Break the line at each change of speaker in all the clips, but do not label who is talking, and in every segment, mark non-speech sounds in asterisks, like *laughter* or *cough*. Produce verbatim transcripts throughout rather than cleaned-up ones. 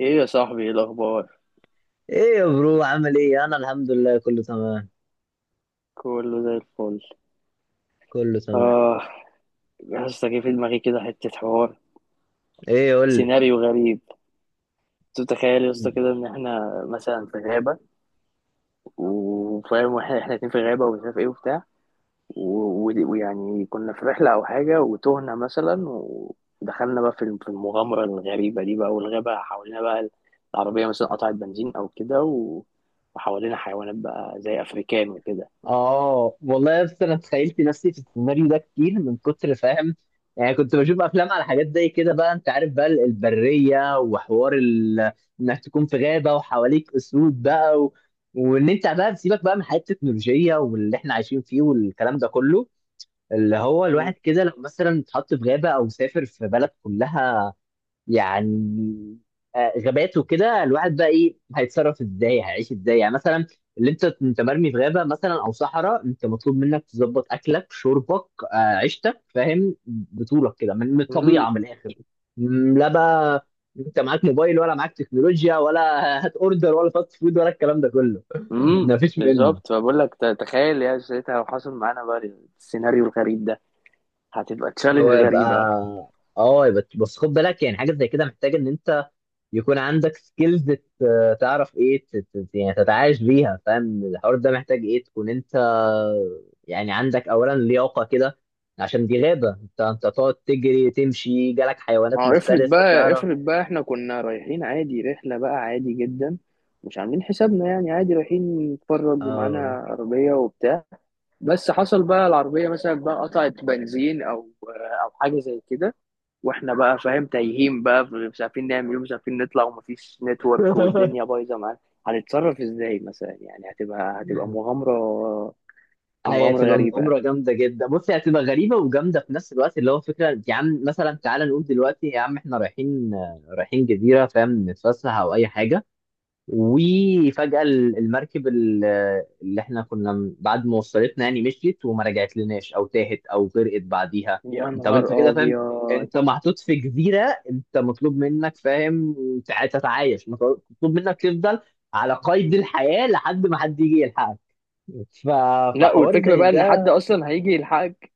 ايه يا صاحبي، ايه الاخبار؟
ايه يا برو، عامل ايه؟ انا الحمد لله، كله تمام.
كله زي الفل.
كله تمام.
اه. يا اسطى، جه في دماغي كده حته حوار،
ايه؟ قول لي.
سيناريو غريب. تتخيل يا اسطى كده ان احنا مثلا في غابه، وفاهم، واحنا احنا اتنين في غابه، ومش عارف ايه وبتاع، و- و- ويعني كنا في رحله او حاجه وتوهنا مثلا، ودخلنا بقى في الم- في المغامره الغريبه دي بقى، والغابه حوالينا بقى. العربيه مثلا قطعت بنزين او كده، و- وحوالينا حيوانات بقى زي افريكان وكده.
اه والله، بس انا تخيلت نفسي في السيناريو ده كتير من كتر، فاهم؟ يعني كنت بشوف افلام على حاجات زي كده بقى، انت عارف بقى، ال- البريه وحوار ال... انك تكون في غابه وحواليك اسود بقى و... وان انت بقى سيبك بقى من حياه التكنولوجيا واللي احنا عايشين فيه والكلام ده كله، اللي هو الواحد
*laughs*
كده لو مثلا اتحط في غابه او سافر في بلد كلها، يعني آه، غابات وكده الواحد بقى ايه، هيتصرف ازاي، هيعيش ازاي يعني مثلا. اللي انت انت مرمي في غابه مثلا او صحراء، انت مطلوب منك تظبط اكلك شربك، آه، عيشتك، فاهم؟ بطولك كده، من من
مم.
الطبيعه، من الاخر. م، لا بقى، انت معاك موبايل ولا معاك تكنولوجيا ولا *laughs* هات اوردر ولا فاست فود ولا الكلام ده كله؟ *laughs*
امم
مفيش منه.
بالظبط، فبقول لك، ت- تخيل يا ساعتها لو حصل معانا بقى السيناريو الغريب ده، هتبقى
هو
تشالنج
يبقى
غريبة.
اه يبقى، بس خد بالك، يعني حاجه زي كده محتاج ان انت يكون عندك سكيلز، تعرف ايه، ت- ت- يعني تتعايش بيها، فاهم؟ الحوار ده محتاج ايه؟ تكون انت يعني عندك اولا لياقه كده، عشان دي غابه، انت انت تقعد تجري تمشي، جالك حيوانات
ما هو افرض
مفترسه
بقى،
تعرف.
افرض بقى احنا كنا رايحين عادي، رحلة بقى عادي جدا، مش عاملين حسابنا يعني، عادي رايحين نتفرج، ومعانا
اه.
عربية وبتاع، بس حصل بقى العربية مثلا بقى قطعت بنزين او او حاجة زي كده. واحنا بقى فاهم تايهين بقى، مش عارفين نعمل ايه، مش عارفين نطلع، ومفيش نتورك،
*laughs*
والدنيا بايظة معانا. هنتصرف ازاي مثلا؟ يعني هتبقى هتبقى مغامرة،
هي
مغامرة
هتبقى
غريبة.
مغامرة جامدة جدا. بص، هي هتبقى غريبة وجامدة في نفس الوقت، اللي هو فكرة يا عم مثلا، تعالى نقول دلوقتي يا عم احنا رايحين آه، رايحين جزيرة، فاهم؟ نتفسح أو أي حاجة. وفجأة ال- المركب ال- اللي احنا كنا م- بعد ما وصلتنا يعني مشيت وما رجعت لناش، او تاهت، او غرقت بعديها.
يا
طب انت
نهار
كده فاهم،
أبيض.
انت محطوط في جزيرة، انت مطلوب منك، فاهم؟ تع- تتعايش، مطلوب منك تفضل على قيد الحياة لحد ما حد يجي يلحقك. ف-
لا،
فحوار
والفكرة
زي
بقى إن
ده،
حد أصلا هيجي يلحقك؟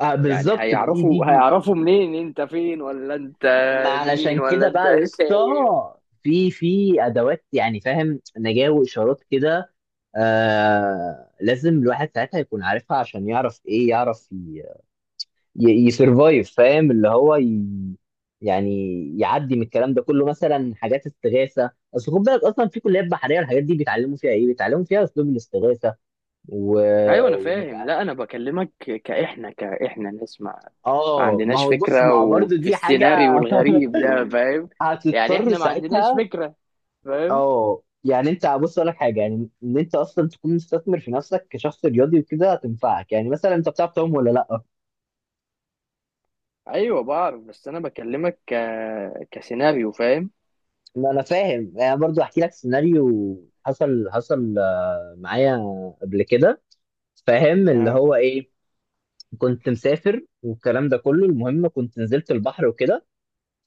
آه
يعني
بالظبط، ما دي دي
هيعرفوا
دي
هيعرفوا منين أنت فين؟ ولا أنت
ما
مين؟
علشان
ولا
كده
أنت
بقى يا
*laughs*
اسطى،
تايه؟
في في ادوات يعني، فاهم؟ نجاة واشارات كده. آه لازم الواحد ساعتها يكون عارفها، عشان يعرف ايه؟ يعرف يسرفايف، فاهم؟ اللي هو ي... يعني يعدي من الكلام ده كله، مثلا حاجات استغاثه. اصل خد بالك، اصلا في كليات بحريه الحاجات دي بيتعلموا فيها ايه؟ بيتعلموا فيها اسلوب الاستغاثه و...
أيوة أنا
ومش
فاهم،
ع...
لا أنا بكلمك كإحنا كإحنا ناس ما ما
اه ما
عندناش
هو، بص،
فكرة،
ما هو برضه
وفي
دي حاجه. *laughs*
السيناريو الغريب ده فاهم، يعني
هتضطر
إحنا ما عندناش
ساعتها.
فكرة، فاهم؟
اه يعني، انت بص اقول لك حاجه، يعني ان انت اصلا تكون مستثمر في نفسك كشخص رياضي وكده، هتنفعك، يعني مثلا انت بتعرف تعوم ولا لا؟
أيوة بعرف، بس أنا بكلمك ك... كسيناريو، فاهم؟
ما انا فاهم، يعني برضو احكي لك سيناريو حصل. حصل آه، معايا قبل كده، فاهم اللي
آه.
هو ايه؟ كنت مسافر والكلام ده كله، المهم كنت نزلت البحر وكده.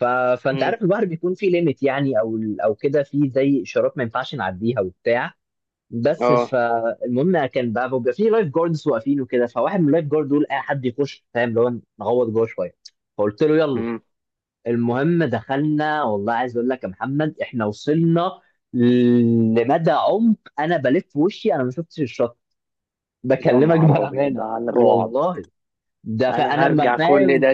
ف... فانت
أمم.
عارف البحر بيكون فيه ليميت يعني، او او كده، فيه زي اشارات ما ينفعش نعديها وبتاع. بس
آه.
فالمهم كان بقى، بيبقى فيه لايف جاردز واقفين وكده، فواحد من اللايف جارد دول اي حد يخش، فاهم اللي هو، نغوط جوه شويه. فقلت له يلا.
أمم.
المهم دخلنا، والله عايز اقول لك يا محمد احنا وصلنا لمدى عمق، انا بلف وشي انا ما شفتش الشط.
يا
بكلمك
نهار أبيض
بامانه.
على الرعب!
والله، ده
انا
فانا ما
هرجع كل
فاهم.
ده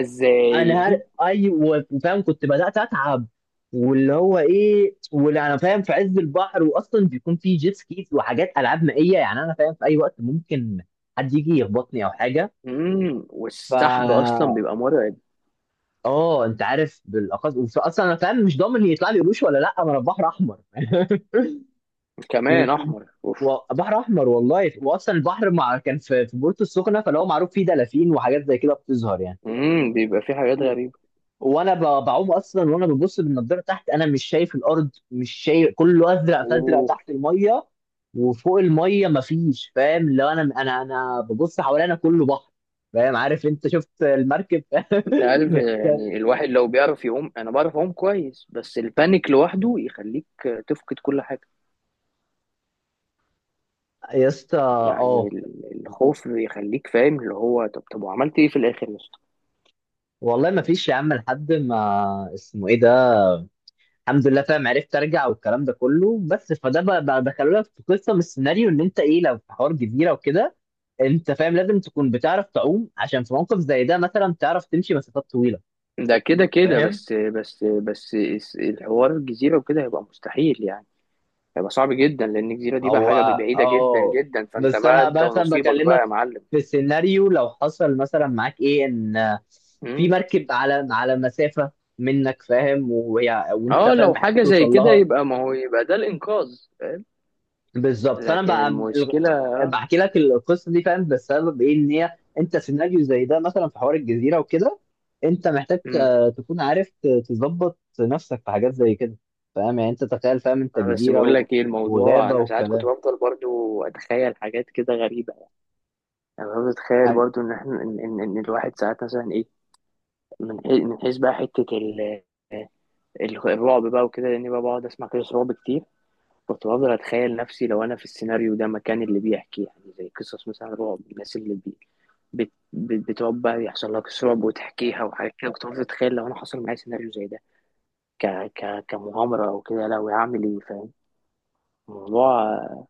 انا هل...
ازاي؟
ايوه، فاهم؟ كنت بدات اتعب، واللي هو ايه، واللي انا فاهم في عز البحر، واصلا بيكون في جيت سكيز وحاجات العاب مائيه، يعني انا فاهم في اي وقت ممكن حد يجي يخبطني او حاجه.
امم
ف
والسحب اصلا بيبقى مرعب.
اه، انت عارف بالاقصى اصلا انا فاهم مش ضامن يطلع لي قروش ولا لا، ما انا في بحر احمر. *laughs*
كمان
وكنت
احمر، اوف.
و- بحر احمر والله، واصلا البحر مع كان في في بورتو السخنه، فلو معروف فيه دلافين وحاجات زي كده بتظهر يعني.
امم بيبقى فيه حاجات
و-
غريبة.
وانا ب- بعوم اصلا، وانا ببص بالنضاره تحت، انا مش شايف الارض، مش شايف، كله ازرق، فازرق
اوف.
تحت الميه وفوق الميه مفيش، فاهم؟ لو انا انا انا ببص حوالينا كله بحر، فاهم؟ عارف انت شفت المركب. *laughs*
انت عارف
كان
يعني الواحد لو بيعرف يقوم، انا بعرف اقوم كويس، بس البانيك لوحده يخليك تفقد كل حاجة.
يا اسطى،
يعني
اه
ال- الخوف يخليك فاهم اللي هو، طب طب، وعملت ايه في الاخر يا اسطى؟
والله ما فيش يا عم لحد ما اسمه ايه ده، الحمد لله، فاهم؟ عرفت ارجع والكلام ده كله، بس فده بقى بقى دخلوا لك في قصه من السيناريو، ان انت ايه لو في حوار جزيره وكده، انت فاهم لازم تكون بتعرف تعوم، عشان في موقف زي ده مثلا تعرف تمشي مسافات طويله،
ده كده كده،
فاهم؟
بس بس بس الس- الحوار الجزيرة وكده هيبقى مستحيل يعني. هيبقى صعب جدا لان الجزيره دي بقى
هو
حاجه بعيده جدا
اه،
جدا، فانت
بس
بقى
انا
انت
مثلا
ونصيبك بقى
بكلمك
يا معلم.
في سيناريو لو حصل مثلا معاك ايه، ان في
مم.
مركب على على مسافه منك، فاهم؟ وهي وانت،
اه،
فاهم؟
لو
محتاج
حاجه زي
توصل
كده،
لها.
يبقى ما هو يبقى ده الانقاذ.
بالظبط، فانا
لكن
بقى ال-
المشكله.
بحكي لك القصه دي، فاهم بسبب ايه؟ ان هي انت سيناريو زي ده مثلا، في حوار الجزيره وكده، انت محتاج
مم.
آه، تكون عارف ت- تظبط نفسك في حاجات زي كده، فاهم؟ يعني انت تخيل، فاهم؟ انت
آه، بس
جزيره
بقول
و-
لك ايه الموضوع،
وغابه
انا ساعات كنت
وكلام.
بفضل برضو اتخيل حاجات كده غريبه. يعني انا بتخيل
عارف-
برضو ان احنا، ان, إن, إن الواحد ساعات مثلا ايه، من حيث، من حيث بقى حته ال- ال- الرعب بقى وكده، لاني بقى بقعد اسمع قصص رعب كتير. كنت بفضل اتخيل نفسي لو انا في السيناريو ده مكان اللي بيحكي، يعني زي قصص مثلا رعب، الناس اللي بي بت بت- بتقعد بقى يحصل لها قصص رعب وتحكيها وحاجات كده، كنت بفضل اتخيل لو انا حصل معايا سيناريو زي ده، ك ك كمغامره او كده، لو هعمل ايه فاهم الموضوع.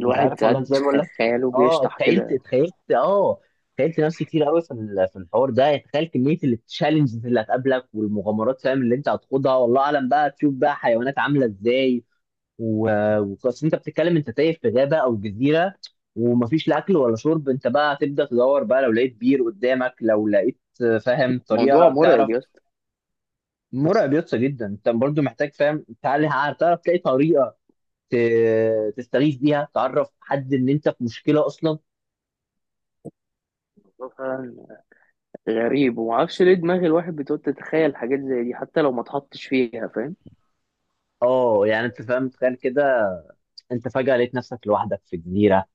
انت عارف والله
ساعات
ازاي؟ بقول
خ-
لك
خياله
اه،
بيشطح
اتخيلت
كده.
اتخيلت اه اتخيلت نفسي كتير قوي في ال- في الحوار ده. يعني تخيل كميه التشالنجز اللي هتقابلك، والمغامرات فاهم اللي انت هتخوضها، والله اعلم بقى، تشوف بقى حيوانات عامله ازاي. و- وخلاص انت بتتكلم، انت تايه في غابه او جزيره، ومفيش لا اكل ولا شرب، انت بقى هتبدا تدور بقى، لو لقيت بير قدامك، لو لقيت، فاهم؟
موضوع
طريقه تعرف.
مرعب يا اسطى،
مرعب يسطا جدا، انت برضو محتاج، فاهم؟ تعالى ع- تعرف تلاقي طريقه ت- تستغيث بيها، تعرف حد ان انت في مشكله اصلا.
موضوع فعلا غريب، ومعرفش ليه دماغ الواحد بتقعد تتخيل حاجات زي دي حتى لو ما اتحطش فيها، فاهم؟
اه يعني، انت فاهم؟ تخيل كده، انت فجاه لقيت نفسك لوحدك في جزيره،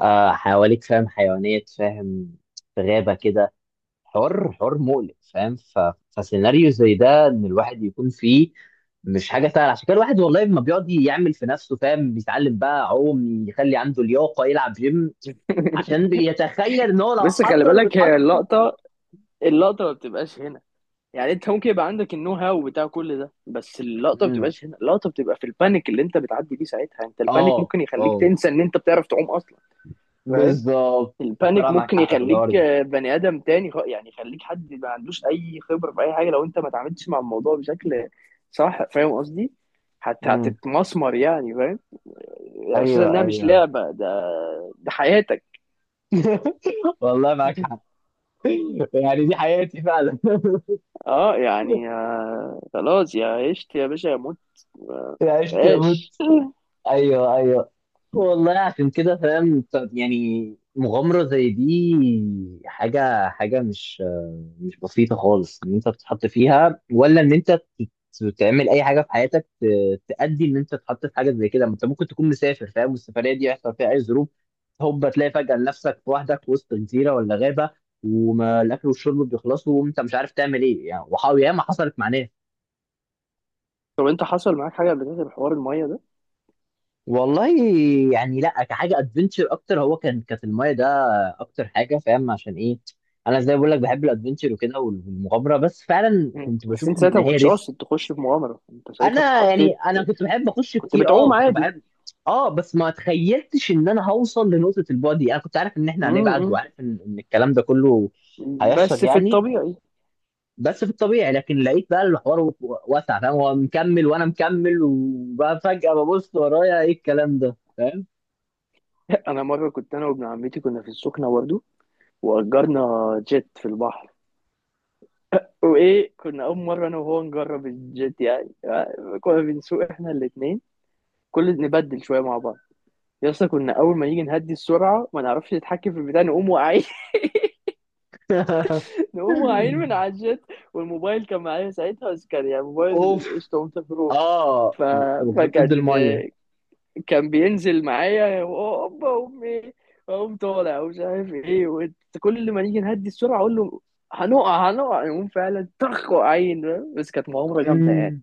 آه حواليك، فاهم؟ حيوانات، فاهم؟ في غابه كده، حوار حوار مقلق، فاهم؟ ف... فسيناريو زي ده، ان الواحد يكون فيه مش حاجه سهله. عشان كده الواحد والله ما بيقعد يعمل في نفسه، فاهم؟ بيتعلم بقى عوم، يخلي عنده لياقه، يلعب جيم، عشان بيتخيل ان هو لو
بس خلي
حصل
بالك، هي
واتحط.
اللقطه، اللقطه ما بتبقاش هنا. يعني انت ممكن يبقى عندك النو هاو بتاع كل ده، بس اللقطه ما
امم،
بتبقاش هنا، اللقطه بتبقى في البانيك اللي انت بتعدي بيه ساعتها، انت البانيك
اه
ممكن يخليك
اه،
تنسى ان انت بتعرف تعوم اصلا، فاهم؟
بالظبط.
البانيك
طلع معاك
ممكن
حق في الحوار
يخليك،
ده.
آه، بني ادم تاني، خ- يعني يخليك حد ما عندوش اي خبره في اي حاجه، لو انت ما اتعاملتش مع الموضوع بشكل صح، فاهم قصدي؟ حتى
امم.
هتتمسمر يعني، فاهم؟ يعني اساسا
ايوه
انها مش
ايوه.
لعبه ده، ده حياتك.
*laughs* والله معاك حق، يعني دي حياتي فعلا.
اه، يعني
*laughs*
آه، خلاص، يا عشت يا باشا يا موت،
عشت اموت.
عيش.
ايوه ايوه. والله عشان كده، فاهم؟ طب يعني مغامرة زي دي، حاجة حاجة مش مش بسيطة خالص، ان انت تتحط فيها، ولا ان انت ت- تعمل اي حاجة في حياتك، ت- تأدي ان انت تتحط في حاجة زي كده. ما انت ممكن تكون مسافر، فاهم؟ والسفرية دي يحصل فيها اي ظروف، هوب تلاقي فجأة نفسك لوحدك في وسط جزيرة ولا غابة، وما الاكل والشرب بيخلصوا، وانت مش عارف تعمل ايه يعني، وحاول ياما حصلت مع ناس.
طب انت حصل معاك حاجه قبل كده بحوار الميه ده؟
والله، يعني لا كحاجه ادفنتشر اكتر، هو كان كانت المايه ده اكتر حاجه، فاهم عشان ايه؟ انا زي ما بقول لك بحب الادفنتشر وكده والمغامره، بس فعلا
مم.
كنت
بس
بشوف
انت
ان
ساعتها ما
هي
كنتش
ريسك.
قاصد تخش في مغامره، انت ساعتها
انا يعني
اتحطيت،
انا كنت بحب اخش
كنت
كتير، اه
بتعوم
كنت
عادي.
بحب. اه بس ما تخيلتش ان انا هوصل لنقطه البعد دي. انا كنت عارف ان احنا هنبعد،
امم،
وعارف ان ان الكلام ده كله هيحصل
بس في
يعني،
الطبيعي.
بس في الطبيعي. لكن لقيت بقى الحوار و- واسع، فاهم؟ هو مكمل وانا مكمل، وبقى فجاه ببص ورايا، ايه الكلام ده؟ فاهم؟
*laughs* انا مره كنت انا وابن عمتي كنا في السخنه برضه، واجرنا جيت في البحر، وايه كنا اول مره انا وهو نجرب الجيت يعني، كنا بنسوق احنا الاثنين، كل نبدل شويه مع بعض. يا اسطى، كنا اول ما نيجي نهدي السرعه ما نعرفش نتحكم في البتاع، نقوم واقعين،
*laughs*
هم عين من على الجت. والموبايل كان معايا ساعتها، بس كان يعني موبايل
اوف.
قشطة وانت،
اه،
ف...
ضد
فكان
الميه.
كان بينزل معايا هوبا امي، اقوم طالع ومش عارف ايه وت- كل ما نيجي نهدي السرعه اقول له هنقع هنقع، يقوم فعلا طخ، وقعين، فاهم؟ بس كانت مغامره جامده يعني.
مم.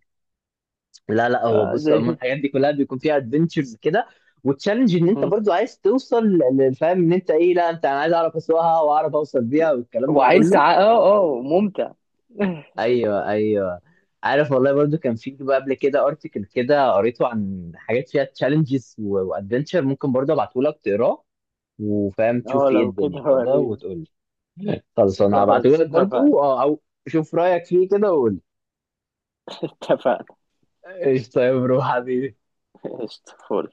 لا لا، هو بص عموما
فزي.
الحاجات دي كلها بيكون فيها ادفنتشرز كده، وتشالنج ان
*laughs*
انت
مم.
برضو عايز توصل ل- ل- فاهم ان انت ايه، لا انت، انا عايز اعرف اسوقها واعرف اوصل بيها والكلام ده
وعايز
كله.
ساعة، اه اه، ممتع. *laughs*
ايوه ايوه. عارف والله برضو كان في بقى قبل كده ارتكل كده قريته عن حاجات فيها تشالنجز وادفنتشر، ممكن برضو ابعته لك تقراه، وفاهم تشوف
اه،
فيه ايه
لو كده
الدنيا كده
وريني.
وتقول لي. خلاص انا هبعته
خلاص
لك
اتفقنا.
برضو، اه او شوف رايك فيه كده وقول لي.
اتفقنا.
قشطه يا برو حبيبي.
*laughs* قشطة فل.